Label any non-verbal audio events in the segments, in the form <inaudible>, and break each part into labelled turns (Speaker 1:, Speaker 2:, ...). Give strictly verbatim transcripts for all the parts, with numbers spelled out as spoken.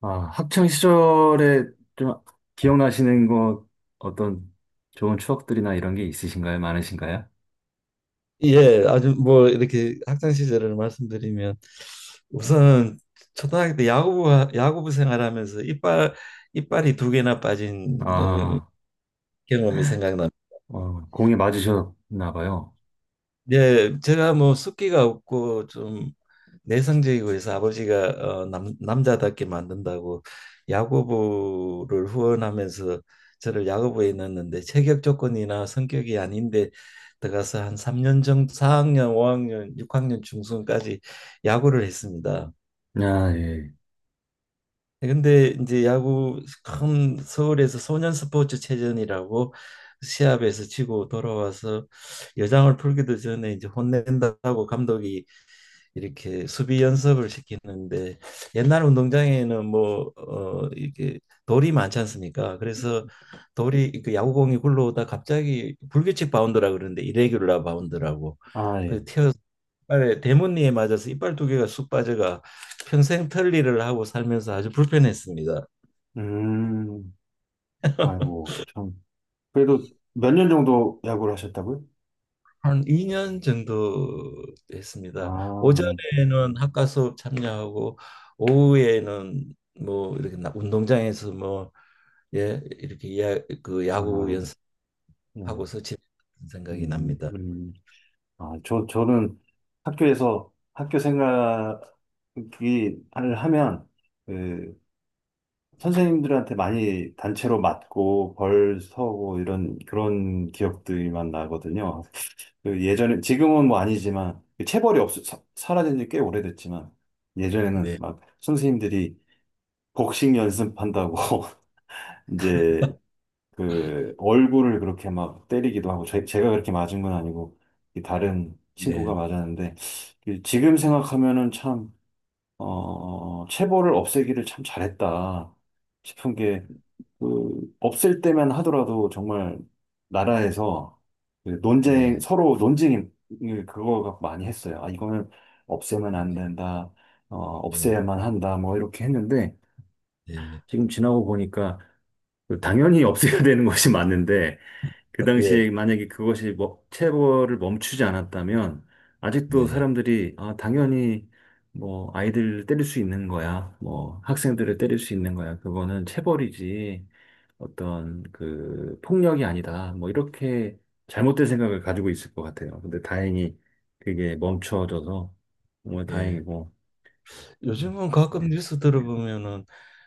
Speaker 1: 아, 학창 시절에 좀 기억나시는 거 어떤 좋은 추억들이나 이런 게 있으신가요? 많으신가요?
Speaker 2: 예, 아주 뭐 이렇게 학창 시절을 말씀드리면 우선 초등학교 때 야구부 야구부 생활하면서 이빨 이빨이 두 개나 빠진 어,
Speaker 1: 아,
Speaker 2: 경험이.
Speaker 1: 어, 공에 맞으셨나 봐요.
Speaker 2: 예, 제가 뭐 숫기가 없고 좀 내성적이고 해서 아버지가 어, 남, 남자답게 만든다고 야구부를 후원하면서 저를 야구부에 넣었는데 체격 조건이나 성격이 아닌데 들어가서 한 삼 년 정도 사 학년, 오 학년, 육 학년 중순까지 야구를 했습니다.
Speaker 1: 아, 예.
Speaker 2: 근데 이제 야구 큰 서울에서 소년 스포츠 체전이라고 시합에서 치고 돌아와서 여장을 풀기도 전에 이제 혼낸다고 감독이 이렇게 수비 연습을 시키는데 옛날 운동장에는 뭐 어, 이렇게 돌이 많지 않습니까? 그래서 돌이 그 야구공이 굴러오다 갑자기 불규칙 바운드라 그러는데 이레귤라 바운드라고
Speaker 1: 아, 예.
Speaker 2: 그 튀어 빨에 대문니에 맞아서 이빨 두 개가 쑥 빠져가 평생 털리를 하고 살면서 아주 불편했습니다.
Speaker 1: 음.
Speaker 2: <laughs>
Speaker 1: 아이고, 참. 그래도 몇 년 정도 야구를 하셨다고요?
Speaker 2: 한 이 년 정도 했습니다. 아,
Speaker 1: 아, 예.
Speaker 2: 오전에는 학과 수업 참여하고 오후에는 뭐 이렇게 나- 운동장에서 뭐 예, 이렇게 야, 그 야구
Speaker 1: 아, 예.
Speaker 2: 연습하고서 지냈 생각이
Speaker 1: 음,
Speaker 2: 납니다.
Speaker 1: 음. 아, 저, 저는 학교에서 학교 생각을 하면, 그 선생님들한테 많이 단체로 맞고 벌 서고 이런 그런 기억들만 나거든요. 그 예전에 지금은 뭐 아니지만 그 체벌이 없 사, 사라진 지 꽤 오래됐지만 예전에는
Speaker 2: 네.
Speaker 1: 막 선생님들이 복싱 연습한다고 <laughs> 이제 그 얼굴을 그렇게 막 때리기도 하고 제, 제가 그렇게 맞은 건 아니고 이 다른 친구가
Speaker 2: 네.
Speaker 1: 맞았는데 그 지금 생각하면은 참 어, 체벌을 없애기를 참 잘했다 싶은 게 그 없을 때만 하더라도 정말 나라에서 그 논쟁
Speaker 2: 네.
Speaker 1: 서로 논쟁을 그거 갖고 많이 했어요. 아, 이거는 없애면 안
Speaker 2: 네.
Speaker 1: 된다. 어,
Speaker 2: 네.
Speaker 1: 없애야만 한다. 뭐 이렇게 했는데
Speaker 2: 네.
Speaker 1: 지금 지나고 보니까 그 당연히 없애야 되는 것이 맞는데 그
Speaker 2: 네.
Speaker 1: 당시에 만약에 그것이 뭐, 체벌을 멈추지 않았다면 아직도
Speaker 2: 네.
Speaker 1: 사람들이 아, 당연히 뭐 아이들을 때릴 수 있는 거야. 뭐 학생들을 때릴 수 있는 거야. 그거는 체벌이지 어떤 그 폭력이 아니다. 뭐 이렇게 잘못된 생각을 가지고 있을 것 같아요. 근데 다행히 그게 멈춰져서 정말
Speaker 2: 네.
Speaker 1: 다행이고.
Speaker 2: 요즘은 가끔 뉴스 들어보면은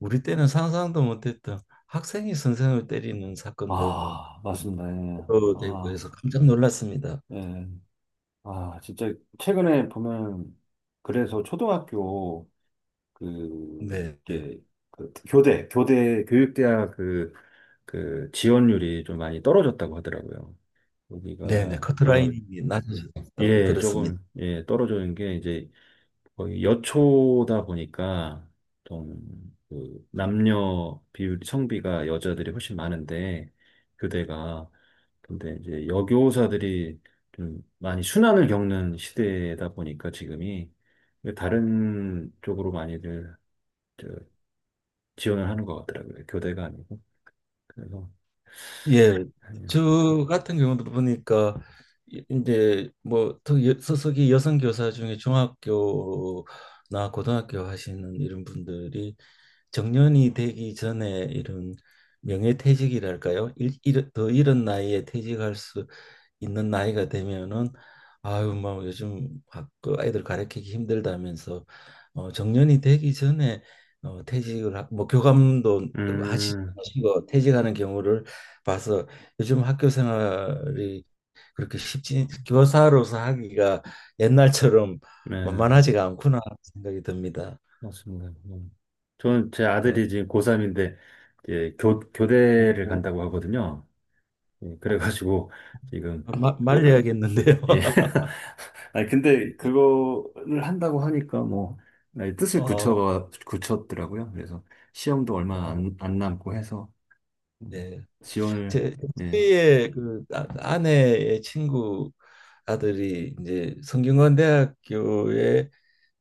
Speaker 2: 우리 때는 상상도 못했던 학생이 선생을 때리는 사건도 뭐
Speaker 1: 아, 맞습니다. 예.
Speaker 2: 보도되고
Speaker 1: 아,
Speaker 2: 해서 깜짝 놀랐습니다.
Speaker 1: 예. 아, 진짜 최근에 보면 그래서 초등학교 그
Speaker 2: 네.
Speaker 1: 이게 그 교대 교대 교육대학 그 그 지원율이 좀 많이 떨어졌다고 하더라고요.
Speaker 2: 네네, 네.
Speaker 1: 여기가 아무
Speaker 2: 커트라인이 낮아졌다고
Speaker 1: 예,
Speaker 2: 들었습니다.
Speaker 1: 조금 예 떨어지는 게 이제 거의 여초다 보니까 좀그 남녀 비율 성비가 여자들이 훨씬 많은데 교대가 근데 이제 여교사들이 좀 많이 순환을 겪는 시대다 보니까 지금이 다른 쪽으로 많이들 저 지원을 하는 것 같더라고요. 교대가 아니고. 그래서
Speaker 2: 예,
Speaker 1: 예.
Speaker 2: 저 같은 경우도 보니까 이- 이제 뭐 특히 여- 소속이 여성 교사 중에 중학교나 고등학교 하시는 이런 분들이 정년이 되기 전에 이런 명예퇴직이랄까요? 일, 일, 더 이른 나이에 퇴직할 수 있는 나이가 되면은 아유 뭐 요즘 학- 그 아이들 가르치기 힘들다면서 어, 정년이 되기 전에 어, 퇴직을 하, 뭐 교감도 하시-
Speaker 1: 음,
Speaker 2: 하시고 퇴직하는 경우를 봐서 요즘 학교 생활이 그렇게 쉽지 교사로서 하기가 옛날처럼
Speaker 1: 네,
Speaker 2: 만만하지가 않구나 하는 생각이 듭니다.
Speaker 1: 맞습니다. 음. 저는 제
Speaker 2: 예.
Speaker 1: 아들이 지금 고삼인데 이제 교,
Speaker 2: 어,
Speaker 1: 교대를
Speaker 2: 어,
Speaker 1: 간다고 하거든요. 예, 그래가지고 지금
Speaker 2: 마, 말려야겠는데요.
Speaker 1: 예,
Speaker 2: <laughs>
Speaker 1: 아니, 근데 그거를 한다고 하니까 뭐, 나의 뜻을
Speaker 2: 어,
Speaker 1: 굳혀가, 굳혔더라고요. 그래서 시험도 얼마
Speaker 2: 어,
Speaker 1: 안, 안 남고 해서, 음,
Speaker 2: 네.
Speaker 1: 지원을,
Speaker 2: 제
Speaker 1: 예,
Speaker 2: 저희의 그 아- 아내의 친구 아들이 이제 성균관대학교에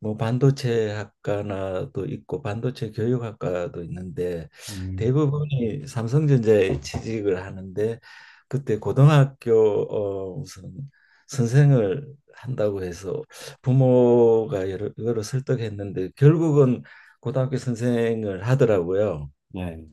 Speaker 2: 뭐 반도체 학과나도 있고 반도체 교육학과도 있는데
Speaker 1: 음,
Speaker 2: 대부분이 삼성전자에 취직을 하는데 그때 고등학교 어 무슨 선생을 한다고 해서 부모가 여러, 여러 설득했는데 결국은 고등학교 선생을 하더라고요.
Speaker 1: 예,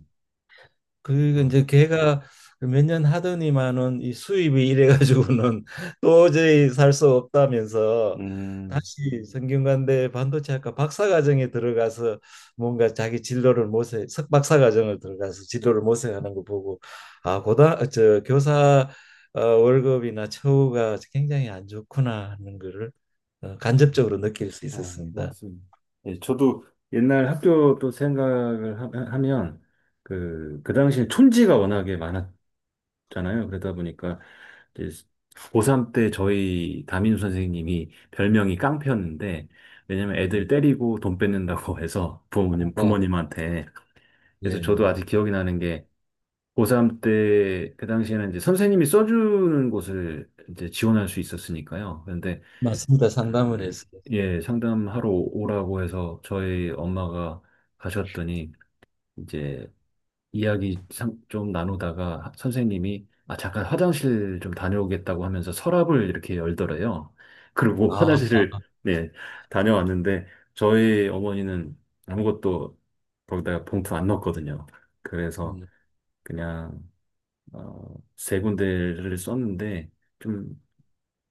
Speaker 2: 그리고
Speaker 1: 어,
Speaker 2: 이제 걔가 몇 년 하더니만은 이 수입이 이래 가지고는 <laughs> 도저히 살 수 없다면서
Speaker 1: 음,
Speaker 2: 다시 성균관대 반도체학과 박사과정에 들어가서 뭔가 자기 진로를 모색 석박사과정을 들어가서 진로를 모색하는 거 보고 아 고다 저 교사 어, 월급이나 처우가 굉장히 안 좋구나 하는 거를 어, 간접적으로 느낄 수
Speaker 1: 아,
Speaker 2: 있었습니다.
Speaker 1: 맞습니다. 예, 저도 옛날 학교 또 생각을 하, 면 그, 그 당시에 촌지가 워낙에 많았, 잖아요. 그러다 보니까 이제 고삼 때 저희 담임 선생님이 별명이 깡패였는데 왜냐면 애들
Speaker 2: 네.
Speaker 1: 때리고 돈 뺏는다고 <laughs> 해서 부모님
Speaker 2: 어,
Speaker 1: 부모님한테 그래서 저도 아직
Speaker 2: 예.
Speaker 1: 기억이 나는 게 고삼 때 그 당시에는 이제 선생님이 써주는 곳을 이제 지원할 수 있었으니까요. 그런데
Speaker 2: 맞습니다. 상담을
Speaker 1: 그
Speaker 2: 해서
Speaker 1: 예, 상담하러 오라고 해서 저희 엄마가 가셨더니 이제 이야기 상- 좀 나누다가 선생님이 아, 잠깐 화장실 좀 다녀오겠다고 하면서 서랍을 이렇게 열더래요. 그리고 <laughs>
Speaker 2: 아,
Speaker 1: 화장실을 네, 다녀왔는데 저희 어머니는 아무것도 거기다가 봉투 안 넣었거든요. 그래서
Speaker 2: 음.
Speaker 1: 그냥 어, 세 군데를 썼는데 좀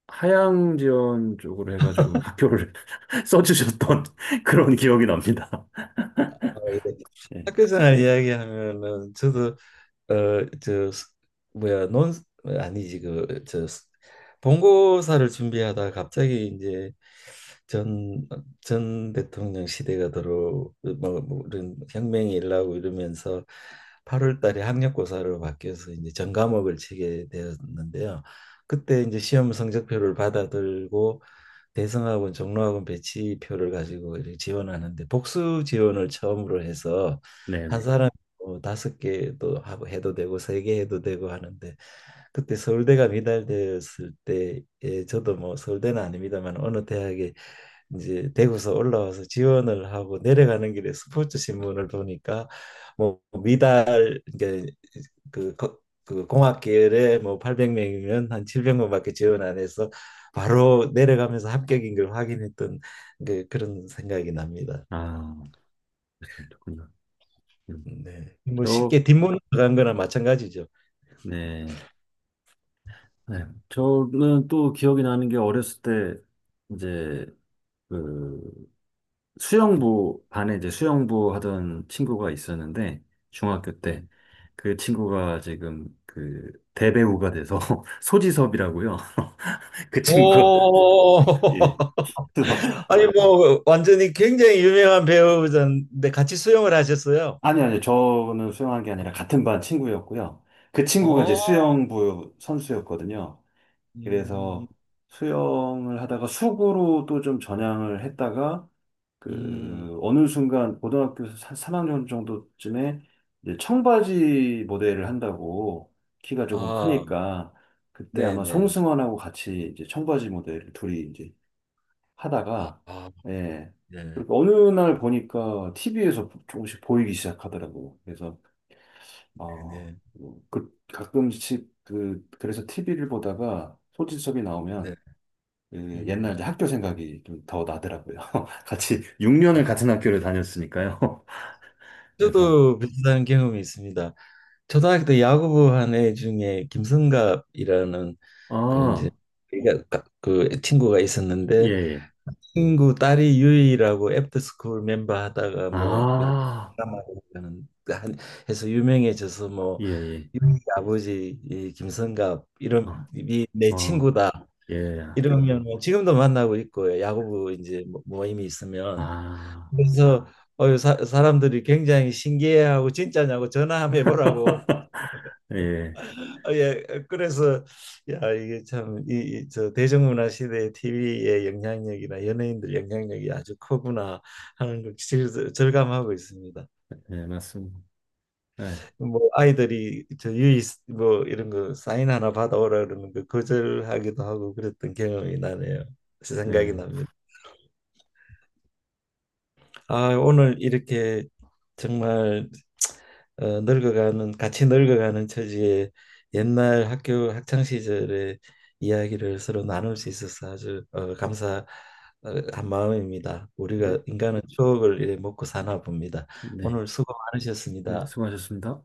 Speaker 1: 하향지원 쪽으로 해가지고 학교를 <laughs> 써주셨던 <laughs> 그런 기억이 납니다. 네,
Speaker 2: 학교 생활 이야기하면은
Speaker 1: 네,
Speaker 2: 저도 어저 뭐야 논 아니지 그 저 본고사를 준비하다 갑자기 이제 전 전 대통령 시대가 들어 뭐, 뭐 이런 혁명이 일어나고 이러면서 팔월 달에 학력고사로 바뀌어서 이제 전과목을 치게 되었는데요. 그때 이제 시험 성적표를 받아들고 대성학원, 종로학원 배치표를 가지고 이렇게 지원하는데 복수 지원을 처음으로 해서
Speaker 1: 네.
Speaker 2: 한
Speaker 1: 네.
Speaker 2: 사람이 뭐 다섯 개도 하고 해도 되고 세 개 해도 되고 하는데 그때 서울대가 미달되었을 때에 저도 뭐 서울대는 아닙니다만 어느 대학에 이제 대구서 올라와서 지원을 하고 내려가는 길에 스포츠 신문을 보니까 뭐 미달 이제 그, 거- 그 공학계열에 뭐 팔백 명이면 한 칠백 명밖에 지원 안 해서 바로 내려가면서 합격인 걸 확인했던 그, 그런 생각이 납니다.
Speaker 1: 아, 그렇군요. 음.
Speaker 2: 네. 뭐
Speaker 1: 저
Speaker 2: 쉽게 뒷문 들어간 거나 마찬가지죠.
Speaker 1: 네. 네. 저는 또 기억이 나는 게 어렸을 때 이제 그 수영부 반에 이제 수영부 하던 친구가 있었는데 중학교 때
Speaker 2: 음.
Speaker 1: 그 친구가 지금 그 대배우가 돼서 <laughs> 소지섭이라고요. <laughs> 그 친구가
Speaker 2: 오,
Speaker 1: 예. 그래서
Speaker 2: <laughs> 아니 뭐 완전히 굉장히 유명한 배우자인데 같이 수영을 하셨어요.
Speaker 1: 아니 아니 저는 수영한 게 아니라 같은 반 친구였고요. 그 친구가 이제
Speaker 2: 어,
Speaker 1: 수영부 선수였거든요.
Speaker 2: 음,
Speaker 1: 그래서 수영을 하다가 수구로 또 좀 전향을 했다가
Speaker 2: 음,
Speaker 1: 그 어느 순간 고등학교 삼 학년 정도쯤에 이제 청바지 모델을 한다고 키가 조금
Speaker 2: 아,
Speaker 1: 크니까 그때 아마
Speaker 2: 네네.
Speaker 1: 송승헌하고 같이 이제 청바지 모델을 둘이 이제
Speaker 2: 아,
Speaker 1: 하다가
Speaker 2: 아,
Speaker 1: 예.
Speaker 2: 네,
Speaker 1: 그리고 어느 날 보니까 티비에서 조금씩 보이기 시작하더라고. 그래서 아,
Speaker 2: 네,
Speaker 1: 그 가끔씩 그 그래서 티비를 보다가 소지섭이 나오면
Speaker 2: 네,
Speaker 1: 예 옛날
Speaker 2: 음.
Speaker 1: 이제 학교 생각이 좀 더 나더라고요. <laughs> 같이 육 년을 같은 학교를 다녔으니까요. <laughs> 그래서,
Speaker 2: 저도 비슷한 경험이 있습니다. 초등학교 때 야구부 한 애 중에 김성갑이라는 그 이제
Speaker 1: 아,
Speaker 2: 우리가 가- 그 친구가
Speaker 1: 예,
Speaker 2: 있었는데
Speaker 1: 예.
Speaker 2: 친구 딸이 유이라고 애프터스쿨 멤버 하다가 뭐 여러
Speaker 1: 아,
Speaker 2: 드라마를 하는- 한- 해서 유명해져서
Speaker 1: 예,
Speaker 2: 뭐
Speaker 1: 예.
Speaker 2: 유이 아버지 이 김성갑
Speaker 1: 아,
Speaker 2: 이름이 내
Speaker 1: 어,
Speaker 2: 친구다
Speaker 1: 예,
Speaker 2: 이러면 뭐 지금도 만나고 있고 야구부 이제 모- 모임이 있으면
Speaker 1: 아,
Speaker 2: 그래서 어, 사, 사람들이 굉장히 신기해하고 진짜냐고 전화 한번 해보라고
Speaker 1: <laughs> 예,
Speaker 2: <laughs> 어, 예 그래서 야 이게 참이저 대중문화 시대의 티비의 영향력이나 연예인들 영향력이 아주 크구나 하는 걸 질- 절감하고 있습니다.
Speaker 1: 예, 맞습니다. 네,
Speaker 2: 뭐 아이들이 저 유이 뭐 이런 거 사인 하나 받아오라 그러는 거 거절하기도 하고 그랬던 경험이 나네요. 생각이
Speaker 1: 네,
Speaker 2: 납니다. 아, 오늘 이렇게 정말 어, 늙어가는 같이 늙어가는 처지에 옛날 학교 학창 시절의 이야기를 서로 나눌 수 있어서 아주 어, 감사한 마음입니다. 우리가
Speaker 1: 네,
Speaker 2: 인간은 추억을 이래 먹고 사나 봅니다.
Speaker 1: 네,
Speaker 2: 오늘 수고
Speaker 1: 네,
Speaker 2: 많으셨습니다.
Speaker 1: 수고하셨습니다.